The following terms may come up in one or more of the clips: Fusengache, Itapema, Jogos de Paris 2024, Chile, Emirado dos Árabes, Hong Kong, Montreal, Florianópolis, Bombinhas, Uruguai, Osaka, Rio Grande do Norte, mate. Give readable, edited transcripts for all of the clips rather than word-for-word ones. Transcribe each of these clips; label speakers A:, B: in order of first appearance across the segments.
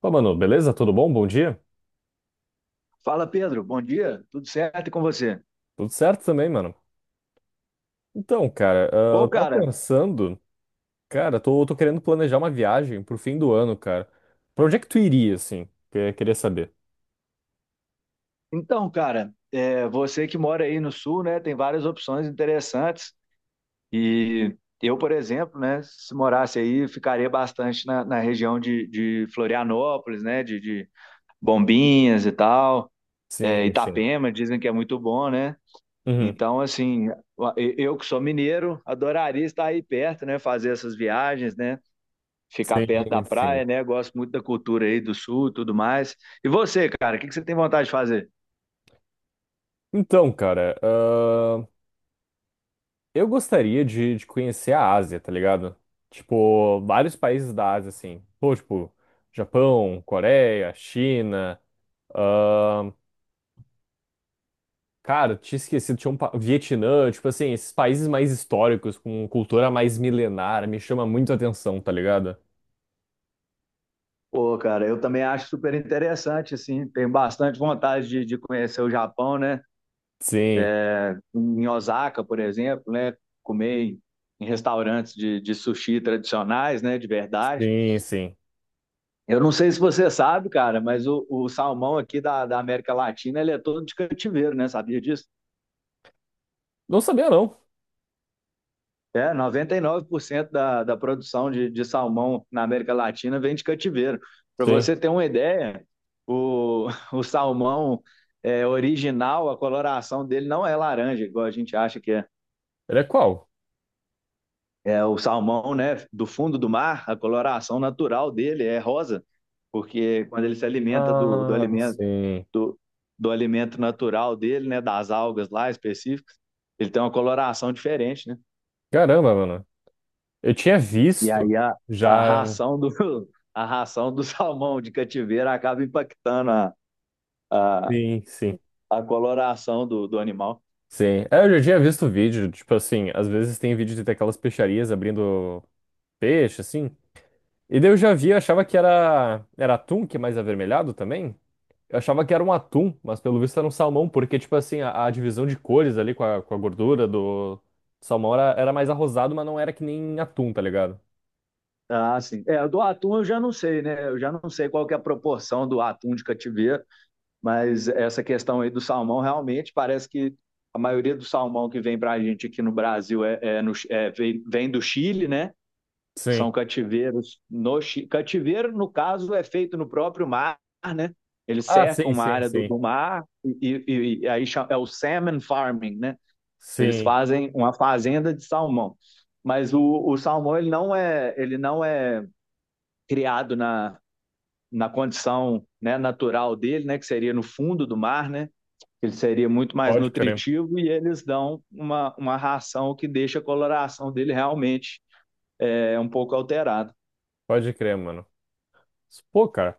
A: Pô, mano, beleza? Tudo bom? Bom dia?
B: Fala, Pedro. Bom dia. Tudo certo e com você?
A: Tudo certo também, mano. Então, cara,
B: Bom,
A: eu tava
B: cara,
A: pensando, cara, tô querendo planejar uma viagem pro fim do ano, cara. Pra onde é que tu iria, assim? Que eu queria saber.
B: então, cara, você que mora aí no sul, né, tem várias opções interessantes. E eu, por exemplo, né, se morasse aí, ficaria bastante na região de Florianópolis, né, de Bombinhas e tal. É,
A: Sim, sim.
B: Itapema, dizem que é muito bom, né?
A: Uhum.
B: Então, assim, eu que sou mineiro, adoraria estar aí perto, né, fazer essas viagens, né? Ficar perto da
A: Sim, sim.
B: praia, né? Gosto muito da cultura aí do sul, e tudo mais. E você, cara, o que que você tem vontade de fazer?
A: Então, cara, eu gostaria de conhecer a Ásia, tá ligado? Tipo, vários países da Ásia, assim. Pô, tipo, Japão, Coreia, China. ah, Cara, tinha esquecido, tinha um Vietnã, tipo assim, esses países mais históricos, com cultura mais milenar, me chama muito a atenção, tá ligado?
B: Pô, cara, eu também acho super interessante, assim, tenho bastante vontade de conhecer o Japão, né?
A: Sim,
B: Em Osaka, por exemplo, né? Comer em restaurantes de sushi tradicionais, né? De verdade.
A: sim, sim.
B: Eu não sei se você sabe, cara, mas o salmão aqui da América Latina, ele é todo de cativeiro, né? Sabia disso?
A: Não sabia, não.
B: É, 99% da produção de salmão na América Latina vem de cativeiro. Para
A: Sim.
B: você ter uma ideia, o salmão original, a coloração dele não é laranja, igual a gente acha que é.
A: Ele é qual?
B: É, o salmão, né, do fundo do mar, a coloração natural dele é rosa, porque quando ele se alimenta do
A: Ah,
B: alimento
A: sim.
B: do, do alimento natural dele, né, das algas lá específicas, ele tem uma coloração diferente, né?
A: Caramba, mano. Eu tinha
B: E
A: visto
B: aí a
A: já.
B: ração do, a ração do salmão de cativeiro acaba impactando a,
A: Sim, sim.
B: a coloração do animal.
A: Sim. É, eu já tinha visto vídeo, tipo assim, às vezes tem vídeo de aquelas peixarias abrindo peixe, assim. E daí eu já vi, eu achava que era atum, que é mais avermelhado também. Eu achava que era um atum, mas pelo visto era um salmão, porque, tipo assim, a divisão de cores ali com a gordura do salmão era mais arrosado, mas não era que nem atum, tá ligado?
B: Ah, sim. É, do atum eu já não sei, né? Eu já não sei qual que é a proporção do atum de cativeiro, mas essa questão aí do salmão realmente parece que a maioria do salmão que vem para a gente aqui no Brasil é, é, no, é vem, vem do Chile, né?
A: Sim.
B: São cativeiros no Cativeiro, no caso, é feito no próprio mar, né? Eles
A: Ah,
B: cercam
A: sim,
B: uma
A: sim,
B: área do,
A: sim.
B: do mar e aí chama, é o salmon farming, né? Eles
A: Sim.
B: fazem uma fazenda de salmão. Mas o salmão, ele não é criado na condição, né, natural dele, né? Que seria no fundo do mar, né? Ele seria muito mais
A: Pode crer.
B: nutritivo e eles dão uma ração que deixa a coloração dele realmente é um pouco alterada.
A: Pode crer, mano. Pô, cara.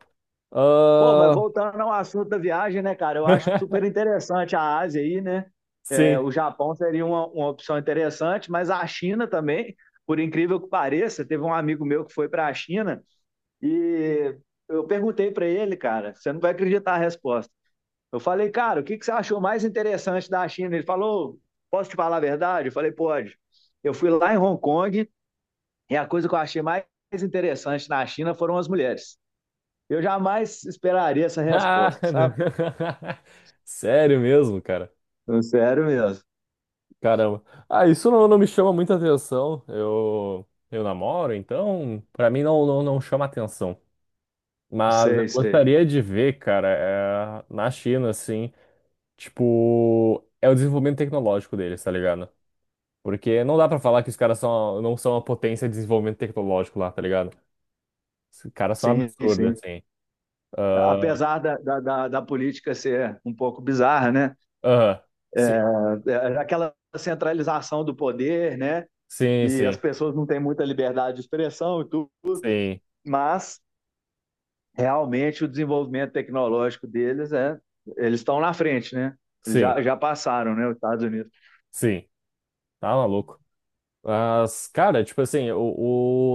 B: Pô, mas
A: Ah,
B: voltando ao assunto da viagem, né, cara? Eu acho super interessante a Ásia aí, né? É,
A: Sim.
B: o Japão seria uma opção interessante, mas a China também, por incrível que pareça, teve um amigo meu que foi para a China e eu perguntei para ele, cara, você não vai acreditar a resposta. Eu falei, cara, o que que você achou mais interessante da China? Ele falou, posso te falar a verdade? Eu falei, pode. Eu fui lá em Hong Kong e a coisa que eu achei mais interessante na China foram as mulheres. Eu jamais esperaria essa
A: Ah,
B: resposta, sabe?
A: Sério mesmo, cara.
B: Sério mesmo.
A: Caramba. Ah, isso não, não me chama muita atenção. Eu namoro, então, pra mim não, não, não chama atenção. Mas eu
B: Sei, sei.
A: gostaria de ver, cara, é, na China, assim, tipo, é o desenvolvimento tecnológico deles, tá ligado? Porque não dá pra falar que os caras são, não são uma potência de desenvolvimento tecnológico lá, tá ligado? Os caras são
B: Sim,
A: absurdos,
B: sim.
A: assim. Ah,
B: Apesar da política ser um pouco bizarra, né?
A: Aham, sim,
B: É, é aquela centralização do poder, né?
A: sim,
B: E as
A: sim,
B: pessoas não têm muita liberdade de expressão e tudo,
A: sim,
B: mas realmente o desenvolvimento tecnológico deles é. Eles estão na frente, né? Eles
A: sim,
B: já passaram, né? Os Estados Unidos.
A: sim, tá maluco. Mas, cara, tipo assim, o,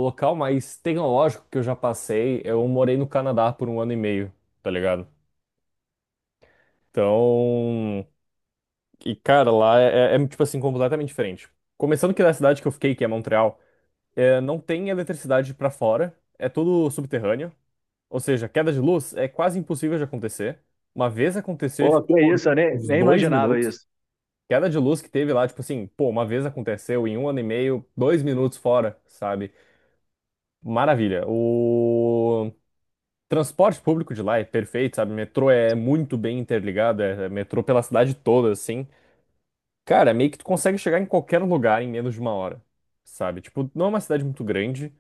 A: o local mais tecnológico que eu já passei, eu morei no Canadá por um ano e meio, tá ligado? Então. E, cara, lá é tipo assim, completamente diferente. Começando que na cidade que eu fiquei, que é Montreal, é, não tem eletricidade pra fora, é tudo subterrâneo. Ou seja, queda de luz é quase impossível de acontecer. Uma vez aconteceu,
B: Pô,
A: ficou
B: que
A: por
B: isso, eu
A: uns
B: nem
A: dois
B: imaginava
A: minutos.
B: isso.
A: Queda de luz que teve lá, tipo assim, pô, uma vez aconteceu em um ano e meio, 2 minutos fora, sabe? Maravilha. O transporte público de lá é perfeito, sabe? Metrô é muito bem interligado, é metrô pela cidade toda, assim. Cara, meio que tu consegue chegar em qualquer lugar em menos de uma hora, sabe? Tipo, não é uma cidade muito grande,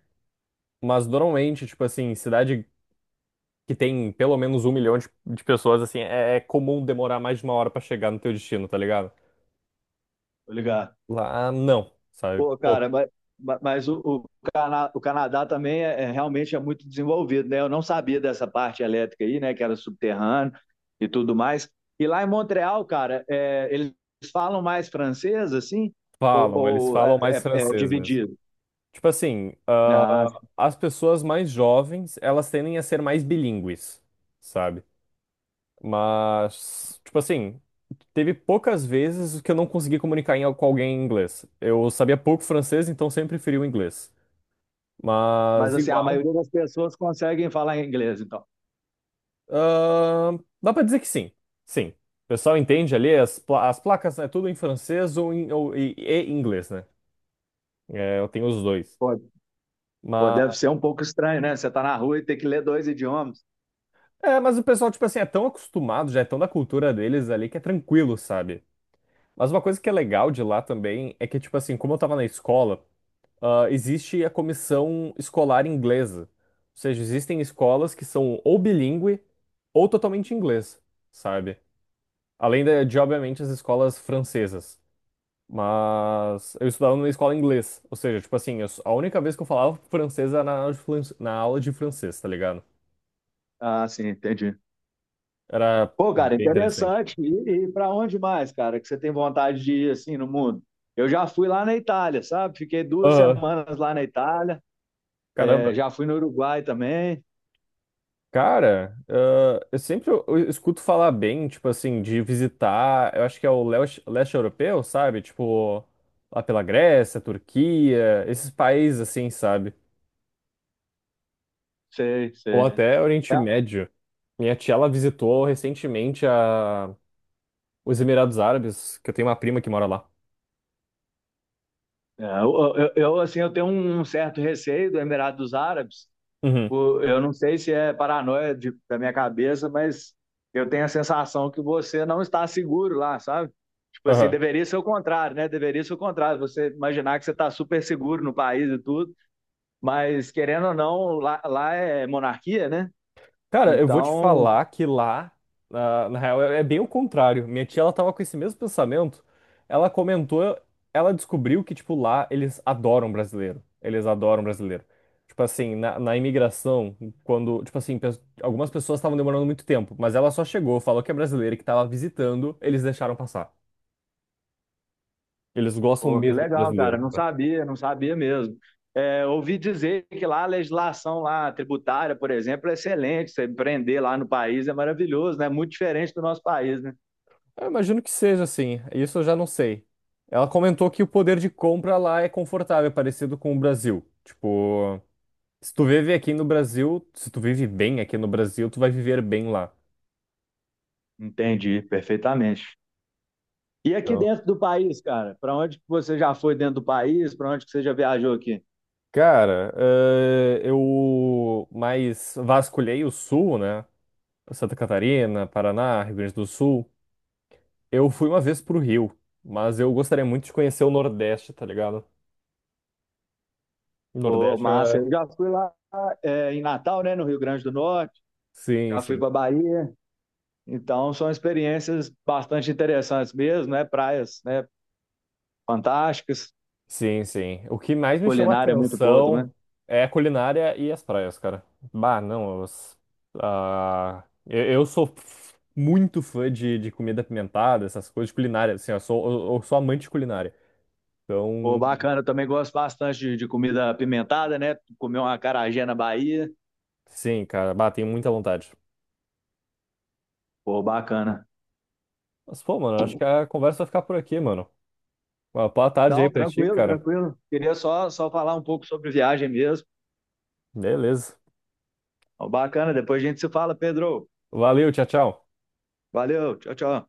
A: mas normalmente, tipo assim, cidade que tem pelo menos 1 milhão de pessoas, assim, é comum demorar mais de uma hora pra chegar no teu destino, tá ligado?
B: Tô ligado.
A: Lá, não, sabe?
B: Pô,
A: Pô,
B: cara, mas, mas o Canadá também é, realmente é muito desenvolvido, né? Eu não sabia dessa parte elétrica aí, né? Que era subterrâneo e tudo mais. E lá em Montreal, cara, é, eles falam mais francês, assim, ou,
A: falam, eles
B: ou
A: falam
B: é,
A: mais
B: é
A: francês mesmo.
B: dividido?
A: Tipo assim,
B: Ah,
A: as pessoas mais jovens, elas tendem a ser mais bilíngues, sabe? Mas, tipo assim, teve poucas vezes que eu não consegui comunicar com alguém em inglês. Eu sabia pouco francês, então sempre preferi o inglês.
B: mas
A: Mas
B: assim, a
A: igual.
B: maioria das pessoas conseguem falar inglês, então.
A: ah, Dá pra dizer que sim. Sim. O pessoal entende ali, as placas é tudo em francês ou, em, ou e inglês, né? É, eu tenho os dois.
B: Pô, pô, deve
A: Mas,
B: ser um pouco estranho, né? Você tá na rua e tem que ler dois idiomas.
A: mas o pessoal, tipo assim, é tão acostumado, já é tão da cultura deles ali que é tranquilo, sabe? Mas uma coisa que é legal de lá também é que, tipo assim, como eu tava na escola. Existe a comissão escolar inglesa. Ou seja, existem escolas que são ou bilíngue ou totalmente inglês, sabe? Além de, obviamente, as escolas francesas. Mas eu estudava numa escola inglês. Ou seja, tipo assim, eu a única vez que eu falava francês era na aula de na aula de francês, tá ligado?
B: Ah, sim, entendi.
A: Era
B: Pô, cara,
A: bem interessante.
B: interessante. E para onde mais, cara, que você tem vontade de ir assim no mundo? Eu já fui lá na Itália, sabe? Fiquei duas
A: Aham,
B: semanas lá na Itália.
A: caramba.
B: É, já fui no Uruguai também.
A: Cara, eu sempre eu escuto falar bem, tipo assim, de visitar, eu acho que é o leste, leste europeu, sabe? Tipo, lá pela Grécia, Turquia, esses países assim, sabe?
B: Sei,
A: Ou é.
B: sei.
A: Até
B: É,
A: Oriente Médio. Minha tia, ela visitou recentemente os Emirados Árabes, que eu tenho uma prima que mora lá.
B: eu, assim, eu tenho um certo receio do Emirado dos Árabes.
A: Uhum.
B: Eu não sei se é paranoia da minha cabeça, mas eu tenho a sensação que você não está seguro lá, sabe? Tipo assim,
A: Aham.
B: deveria ser o contrário, né? Deveria ser o contrário. Você imaginar que você está super seguro no país e tudo. Mas, querendo ou não, lá, lá é monarquia, né?
A: Cara, eu vou te
B: Então,
A: falar que lá, na real, é bem o contrário. Minha tia, ela tava com esse mesmo pensamento. Ela comentou, ela descobriu que, tipo, lá eles adoram brasileiro. Eles adoram brasileiro. Tipo assim, na imigração, quando, tipo assim, algumas pessoas estavam demorando muito tempo, mas ela só chegou, falou que é brasileira e que tava visitando, eles deixaram passar. Eles gostam
B: pô, que
A: mesmo de
B: legal,
A: brasileiro,
B: cara. Não
A: cara.
B: sabia, não sabia mesmo. É, ouvi dizer que lá a legislação lá, tributária, por exemplo, é excelente. Você empreender lá no país é maravilhoso, né? Muito diferente do nosso país, né?
A: Eu imagino que seja assim, isso eu já não sei. Ela comentou que o poder de compra lá é confortável, é parecido com o Brasil. Tipo, se tu vive aqui no Brasil, se tu vive bem aqui no Brasil, tu vai viver bem lá.
B: Entendi, perfeitamente. E aqui
A: Então,
B: dentro do país, cara, para onde que você já foi dentro do país? Para onde que você já viajou aqui?
A: cara, eu mais vasculhei o sul, né? Santa Catarina, Paraná, Rio Grande do Sul. Eu fui uma vez pro Rio, mas eu gostaria muito de conhecer o Nordeste, tá ligado? O
B: Pô,
A: Nordeste
B: massa,
A: é...
B: eu já fui lá em Natal, né, no Rio Grande do Norte,
A: Sim,
B: já fui
A: sim.
B: para Bahia. Então, são experiências bastante interessantes mesmo, né? Praias, né? Fantásticas,
A: Sim, sim. O que mais me chama
B: culinária muito boa
A: atenção
B: também.
A: é a culinária e as praias, cara. Bah, não, eu sou muito fã de comida apimentada, essas coisas de culinária, assim, eu sou, eu sou amante de culinária.
B: Pô,
A: Então,
B: bacana, eu também gosto bastante de comida apimentada, né? Comer uma acarajé na Bahia.
A: sim, cara, bah, tenho muita vontade.
B: Pô, bacana.
A: Mas, pô, mano, acho que a conversa vai ficar por aqui, mano. Uma boa tarde aí
B: Não,
A: pra ti,
B: tranquilo,
A: cara.
B: tranquilo. Queria só falar um pouco sobre viagem mesmo.
A: Beleza.
B: Ó, bacana, depois a gente se fala, Pedro.
A: Valeu, tchau, tchau.
B: Valeu, tchau, tchau.